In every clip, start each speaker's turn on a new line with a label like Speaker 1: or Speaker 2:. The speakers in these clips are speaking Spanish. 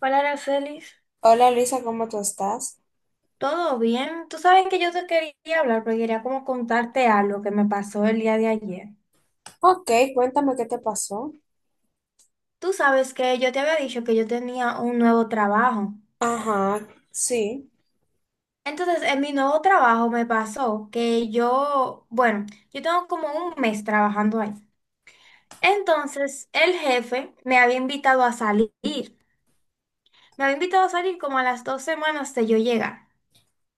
Speaker 1: Hola, Aracelis.
Speaker 2: Hola Luisa, ¿cómo tú estás?
Speaker 1: ¿Todo bien? Tú sabes que yo te quería hablar, pero quería como contarte algo que me pasó el día de ayer.
Speaker 2: Ok, cuéntame qué te pasó.
Speaker 1: Tú sabes que yo te había dicho que yo tenía un nuevo trabajo.
Speaker 2: Ajá, sí,
Speaker 1: Entonces, en mi nuevo trabajo me pasó que yo, bueno, yo tengo como un mes trabajando ahí. Entonces, el jefe me había invitado a salir. Me había invitado a salir como a las dos semanas de yo llegar.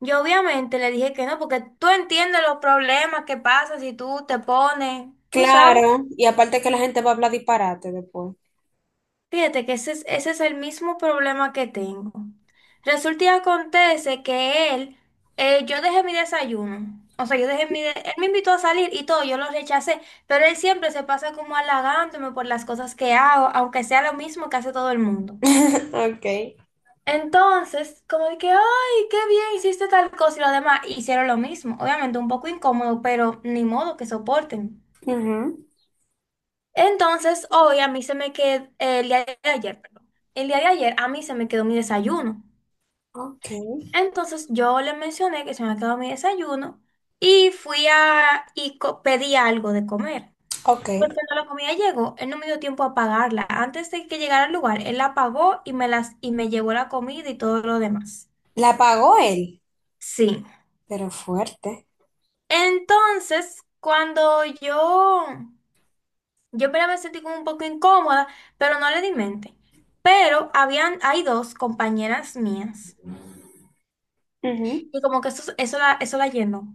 Speaker 1: Yo obviamente le dije que no, porque tú entiendes los problemas que pasan si tú te pones, tú sabes.
Speaker 2: claro. Y aparte que la gente va a hablar disparate después.
Speaker 1: Fíjate que ese es el mismo problema que tengo. Resulta y acontece que él, yo dejé mi desayuno. O sea, yo dejé él me invitó a salir y todo, yo lo rechacé, pero él siempre se pasa como halagándome por las cosas que hago, aunque sea lo mismo que hace todo el mundo.
Speaker 2: Ok.
Speaker 1: Entonces, como de que, ay, qué bien hiciste tal cosa y lo demás, hicieron lo mismo. Obviamente un poco incómodo, pero ni modo que soporten.
Speaker 2: Ujú,
Speaker 1: Entonces, hoy a mí se me quedó, el día de ayer, perdón, el día de ayer a mí se me quedó mi desayuno.
Speaker 2: ok,
Speaker 1: Entonces, yo le mencioné que se me quedó mi desayuno y fui pedí algo de comer. Pues
Speaker 2: ok.
Speaker 1: cuando la comida llegó, él no me dio tiempo a pagarla. Antes de que llegara al lugar, él la pagó y me llevó la comida y todo lo demás.
Speaker 2: ¿La pagó él?
Speaker 1: Sí.
Speaker 2: Pero fuerte.
Speaker 1: Entonces, cuando yo Yo primero me sentí como un poco incómoda, pero no le di mente. Hay dos compañeras mías.
Speaker 2: Ujú.
Speaker 1: Y como que eso la llenó.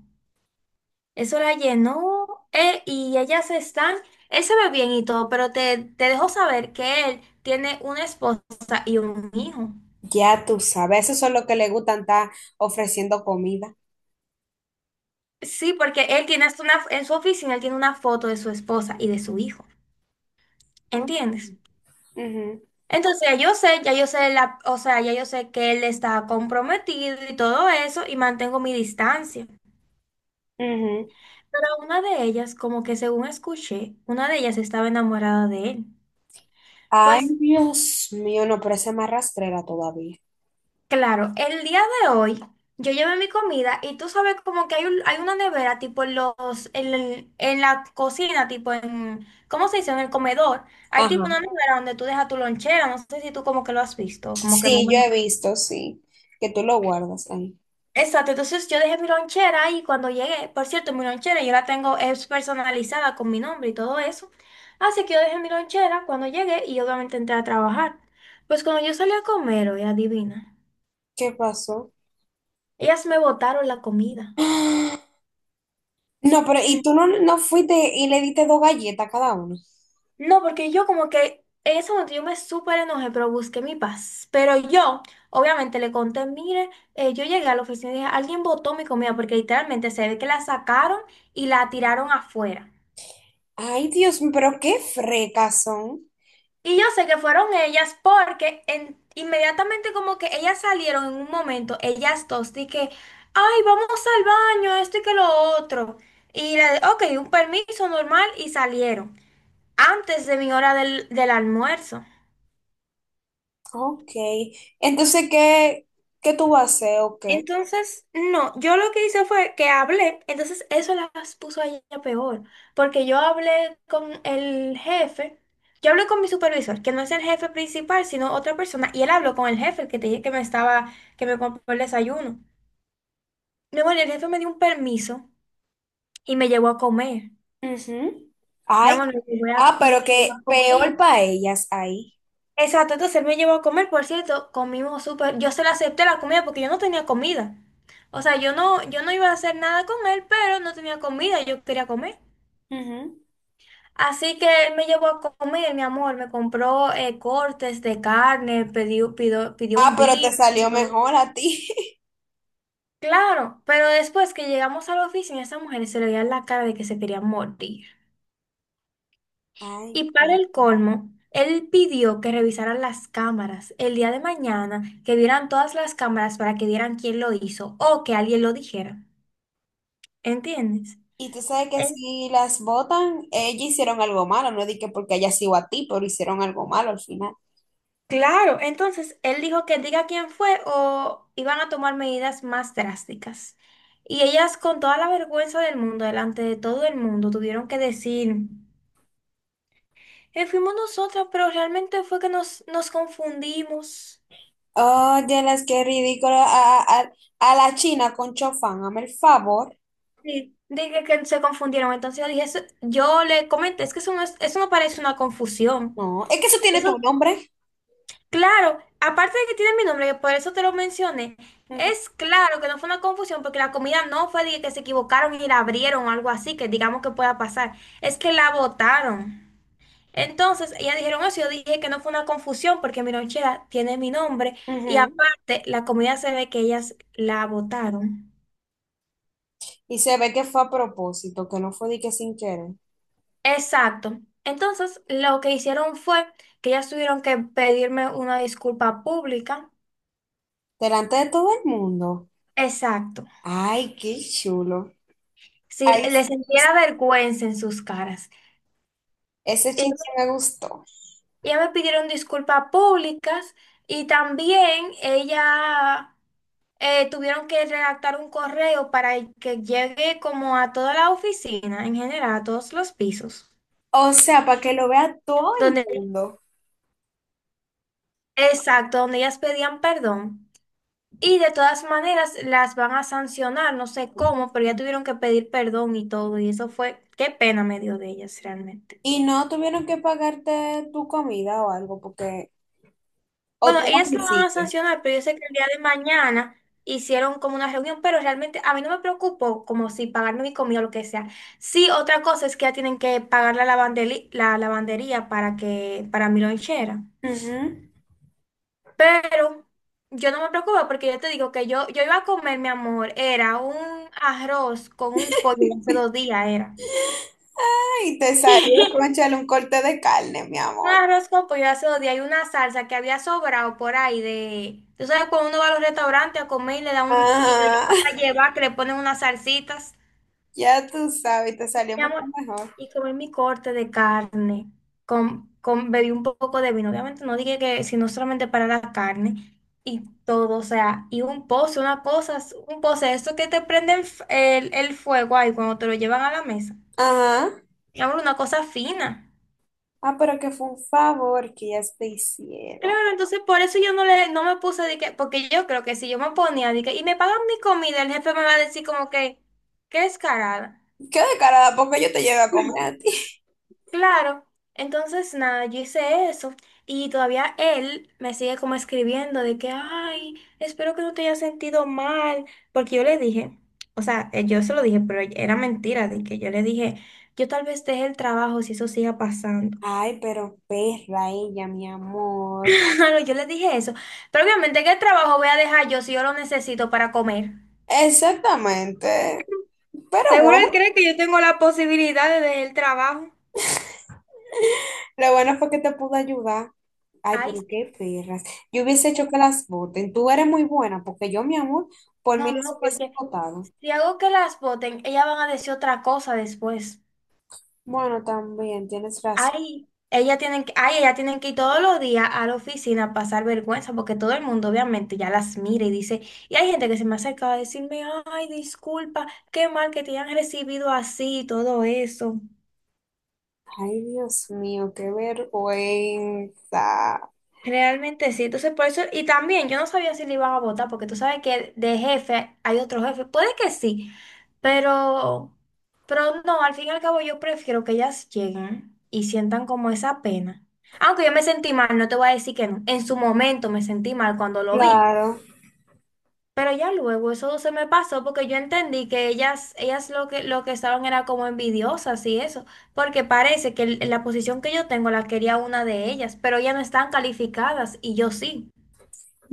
Speaker 1: Eso la llenó. Y ellas están, él se ve bien y todo, pero te dejo saber que él tiene una esposa y un hijo.
Speaker 2: Ya tú sabes, esos son los que le gustan estar ofreciendo comida.
Speaker 1: Sí, porque él tiene hasta una, en su oficina, él tiene una foto de su esposa y de su hijo.
Speaker 2: Ok.
Speaker 1: ¿Entiendes?
Speaker 2: Ujú,
Speaker 1: Entonces ya yo sé la, o sea, ya yo sé que él está comprometido y todo eso y mantengo mi distancia.
Speaker 2: ujú.
Speaker 1: Pero una de ellas, como que según escuché, una de ellas estaba enamorada de él.
Speaker 2: Ay,
Speaker 1: Pues
Speaker 2: Dios mío, no, pero esa es más rastrera todavía.
Speaker 1: claro, el día de hoy yo llevé mi comida y tú sabes como que hay una nevera tipo en los, en la cocina, tipo en, ¿cómo se dice? En el comedor. Hay tipo
Speaker 2: Ajá.
Speaker 1: una nevera donde tú dejas tu lonchera, no sé si tú como que lo has visto, como que más o
Speaker 2: Sí, yo
Speaker 1: menos.
Speaker 2: he visto, sí, que tú lo guardas ahí.
Speaker 1: Exacto, entonces yo dejé mi lonchera ahí cuando llegué, por cierto, mi lonchera yo la tengo es personalizada con mi nombre y todo eso. Así que yo dejé mi lonchera cuando llegué y obviamente entré a trabajar. Pues cuando yo salí a comer, oye, adivina,
Speaker 2: ¿Qué pasó?
Speaker 1: ellas me botaron la comida.
Speaker 2: ¡Ah! No, pero
Speaker 1: Mm,
Speaker 2: y tú no fuiste y le diste dos galletas a cada uno.
Speaker 1: No, porque yo como que en ese momento yo me súper enojé, pero busqué mi paz. Pero yo, obviamente, le conté, mire, yo llegué a la oficina y dije, alguien botó mi comida porque literalmente se ve que la sacaron y la tiraron afuera.
Speaker 2: Ay, Dios mío, pero qué frecas son.
Speaker 1: Y yo sé que fueron ellas porque inmediatamente como que ellas salieron en un momento, ellas dos, de que, ay, vamos al baño, esto y que lo otro. Y le ok, un permiso normal y salieron antes de mi hora del almuerzo.
Speaker 2: Ok. Entonces, ¿qué, qué tú vas a hacer o qué?
Speaker 1: Entonces, no, yo lo que hice fue que hablé, entonces eso las puso a ella peor, porque yo hablé con el jefe, yo hablé con mi supervisor, que no es el jefe principal, sino otra persona, y él habló con el jefe, el que te dije que me compró el desayuno. Mi amor, y el jefe me dio un permiso y me llevó a comer.
Speaker 2: Ujú.
Speaker 1: Mi amor,
Speaker 2: Ay. Ah,
Speaker 1: me
Speaker 2: pero
Speaker 1: llevó a
Speaker 2: que
Speaker 1: comer.
Speaker 2: peor para ellas ahí.
Speaker 1: Exacto, entonces él me llevó a comer, por cierto, comimos súper, yo se le acepté la comida porque yo no tenía comida. O sea, yo no iba a hacer nada con él, pero no tenía comida, yo quería comer.
Speaker 2: Ujú.
Speaker 1: Así que él me llevó a comer, mi amor, me compró cortes de carne, pidió
Speaker 2: Ah,
Speaker 1: un
Speaker 2: pero te
Speaker 1: beef.
Speaker 2: salió mejor a ti.
Speaker 1: Claro, pero después que llegamos a la oficina, esa mujer se le veía la cara de que se quería morir.
Speaker 2: Ay,
Speaker 1: Y para
Speaker 2: padre.
Speaker 1: el colmo, él pidió que revisaran las cámaras el día de mañana, que vieran todas las cámaras para que vieran quién lo hizo o que alguien lo dijera. ¿Entiendes?
Speaker 2: Y tú sabes que
Speaker 1: En-
Speaker 2: si las botan, ellas hicieron algo malo, no dije porque ellas sigo a ti, pero hicieron algo malo al final.
Speaker 1: Claro, entonces él dijo que diga quién fue o iban a tomar medidas más drásticas. Y ellas con toda la vergüenza del mundo, delante de todo el mundo, tuvieron que decir, fuimos nosotras, pero realmente fue que nos confundimos."
Speaker 2: Oye, las que ridículo. A la China con Chofán, hazme el favor.
Speaker 1: Sí, dije que se confundieron. Entonces yo dije, yo le comenté, es que eso no parece una confusión."
Speaker 2: No, es que eso tiene
Speaker 1: Eso,
Speaker 2: tu nombre.
Speaker 1: claro, aparte de que tiene mi nombre, que por eso te lo mencioné,
Speaker 2: Ujú,
Speaker 1: es claro que no fue una confusión porque la comida no fue de que se equivocaron y la abrieron o algo así, que digamos que pueda pasar. Es que la botaron. Entonces, ellas dijeron eso, yo dije que no fue una confusión porque mi lonchera tiene mi nombre y
Speaker 2: ujú.
Speaker 1: aparte la comida se ve que ellas la botaron.
Speaker 2: Y se ve que fue a propósito, que no fue de que sin querer.
Speaker 1: Exacto. Entonces, lo que hicieron fue que ellas tuvieron que pedirme una disculpa pública.
Speaker 2: Delante de todo el mundo.
Speaker 1: Exacto.
Speaker 2: Ay, qué chulo.
Speaker 1: Si
Speaker 2: Ay,
Speaker 1: les
Speaker 2: sí me gustó,
Speaker 1: sentía vergüenza en sus caras.
Speaker 2: ese chinche
Speaker 1: Ellas
Speaker 2: me gustó.
Speaker 1: ellas me pidieron disculpas públicas y también ella tuvieron que redactar un correo para que llegue como a toda la oficina, en general, a todos los pisos.
Speaker 2: O sea, para que lo vea todo el
Speaker 1: Donde,
Speaker 2: mundo.
Speaker 1: exacto, donde ellas pedían perdón. Y de todas maneras las van a sancionar, no sé cómo, pero ya tuvieron que pedir perdón y todo, y eso fue, qué pena me dio de ellas realmente.
Speaker 2: ¿Y no tuvieron que pagarte tu comida o algo? Porque. O
Speaker 1: Bueno,
Speaker 2: tú lo
Speaker 1: ellas lo van a
Speaker 2: quisiste.
Speaker 1: sancionar, pero yo sé que el día de mañana hicieron como una reunión, pero realmente a mí no me preocupo como si pagarme mi comida o lo que sea. Sí, otra cosa es que ya tienen que pagar la la lavandería para mi lonchera.
Speaker 2: Ujú.
Speaker 1: Pero yo no me preocupo porque yo te digo que yo iba a comer, mi amor, era un arroz con un pollo de hace dos días, era.
Speaker 2: Ay, te salió,
Speaker 1: Un
Speaker 2: cónchale, un corte de carne, mi amor.
Speaker 1: arroz con pollo hace dos días hay una salsa que había sobrado por ahí de... Tú sabes, cuando uno va a los restaurantes a comer y le da un... y lo
Speaker 2: Ajá,
Speaker 1: lleva para llevar, que le ponen unas salsitas.
Speaker 2: ya tú sabes, te salió
Speaker 1: Mi
Speaker 2: mucho
Speaker 1: amor,
Speaker 2: mejor.
Speaker 1: y comí mi corte de carne. Bebí un poco de vino. Obviamente no dije que, sino solamente para la carne. Y todo, o sea, y un pozo, una cosa, un pozo, eso que te prenden el fuego ahí cuando te lo llevan a la mesa.
Speaker 2: Ajá.
Speaker 1: Mi amor, una cosa fina.
Speaker 2: Ah, pero que fue un favor que ya te hicieron.
Speaker 1: Claro, entonces por eso yo no me puse de que, porque yo creo que si yo me ponía de que, y me pagan mi comida, el jefe me va a decir como que, qué descarada.
Speaker 2: Qué descarada, porque yo te llevo a comer a ti.
Speaker 1: Claro, entonces nada, yo hice eso y todavía él me sigue como escribiendo de que, ay, espero que no te hayas sentido mal, porque yo le dije, o sea, yo se lo dije, pero era mentira de que yo le dije, yo tal vez deje el trabajo si eso siga pasando.
Speaker 2: Ay, pero perra ella, mi amor.
Speaker 1: Claro, yo le dije eso, pero obviamente, ¿qué trabajo voy a dejar yo si yo lo necesito para comer?
Speaker 2: Exactamente. Pero
Speaker 1: Seguro él
Speaker 2: bueno,
Speaker 1: cree que yo tengo la posibilidad de dejar el trabajo.
Speaker 2: lo bueno fue que te pude ayudar. Ay,
Speaker 1: Ay,
Speaker 2: pero
Speaker 1: sí.
Speaker 2: qué perras. Yo hubiese hecho que las voten. Tú eres muy buena, porque yo, mi amor, por
Speaker 1: No,
Speaker 2: mí les
Speaker 1: no,
Speaker 2: hubiese
Speaker 1: porque
Speaker 2: votado.
Speaker 1: si hago que las voten, ellas van a decir otra cosa después.
Speaker 2: Bueno, también tienes razón.
Speaker 1: Ay, ellas tienen que ir todos los días a la oficina a pasar vergüenza, porque todo el mundo obviamente ya las mira y dice, y hay gente que se me acerca a decirme, ay, disculpa, qué mal que te hayan recibido así y todo eso.
Speaker 2: Ay, Dios mío, qué vergüenza.
Speaker 1: Realmente sí, entonces por eso, y también yo no sabía si le iban a votar, porque tú sabes que de jefe hay otro jefe, puede que sí, pero, pero no, al fin y al cabo yo prefiero que ellas lleguen y sientan como esa pena. Aunque yo me sentí mal, no te voy a decir que no, en su momento me sentí mal cuando lo vi,
Speaker 2: Claro.
Speaker 1: pero ya luego eso se me pasó porque yo entendí que ellas lo que estaban era como envidiosas y eso, porque parece que la posición que yo tengo la quería una de ellas, pero ellas no están calificadas y yo sí.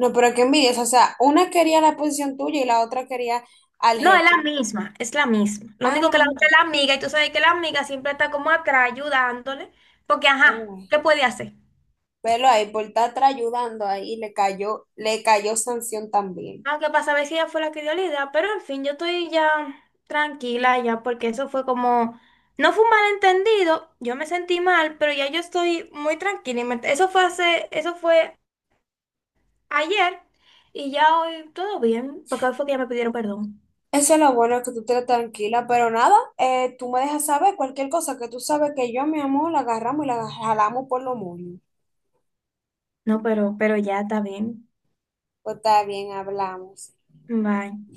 Speaker 2: No, pero qué envidia. O sea, una quería la posición tuya y la otra quería al
Speaker 1: No, es la
Speaker 2: jefe.
Speaker 1: misma, es la misma. Lo único
Speaker 2: Ah,
Speaker 1: que la otra es la amiga, y tú sabes que la amiga siempre está como atrás ayudándole, porque
Speaker 2: la
Speaker 1: ajá,
Speaker 2: mujer.
Speaker 1: ¿qué puede hacer?
Speaker 2: Velo ahí, por estar atrás ayudando ahí, le cayó sanción también.
Speaker 1: Aunque para saber si ella fue la que dio la idea, pero en fin, yo estoy ya tranquila ya, porque eso fue como, no fue un malentendido, yo me sentí mal, pero ya yo estoy muy tranquila. Eso fue hace, eso fue ayer, y ya hoy todo bien, porque hoy fue que ya me pidieron perdón.
Speaker 2: Eso es lo bueno, que tú te tranquila, pero nada, tú me dejas saber cualquier cosa que tú sabes que yo, mi amor, la agarramos y la jalamos por lo moños.
Speaker 1: No, pero ya está bien.
Speaker 2: Pues está bien, hablamos.
Speaker 1: Bye.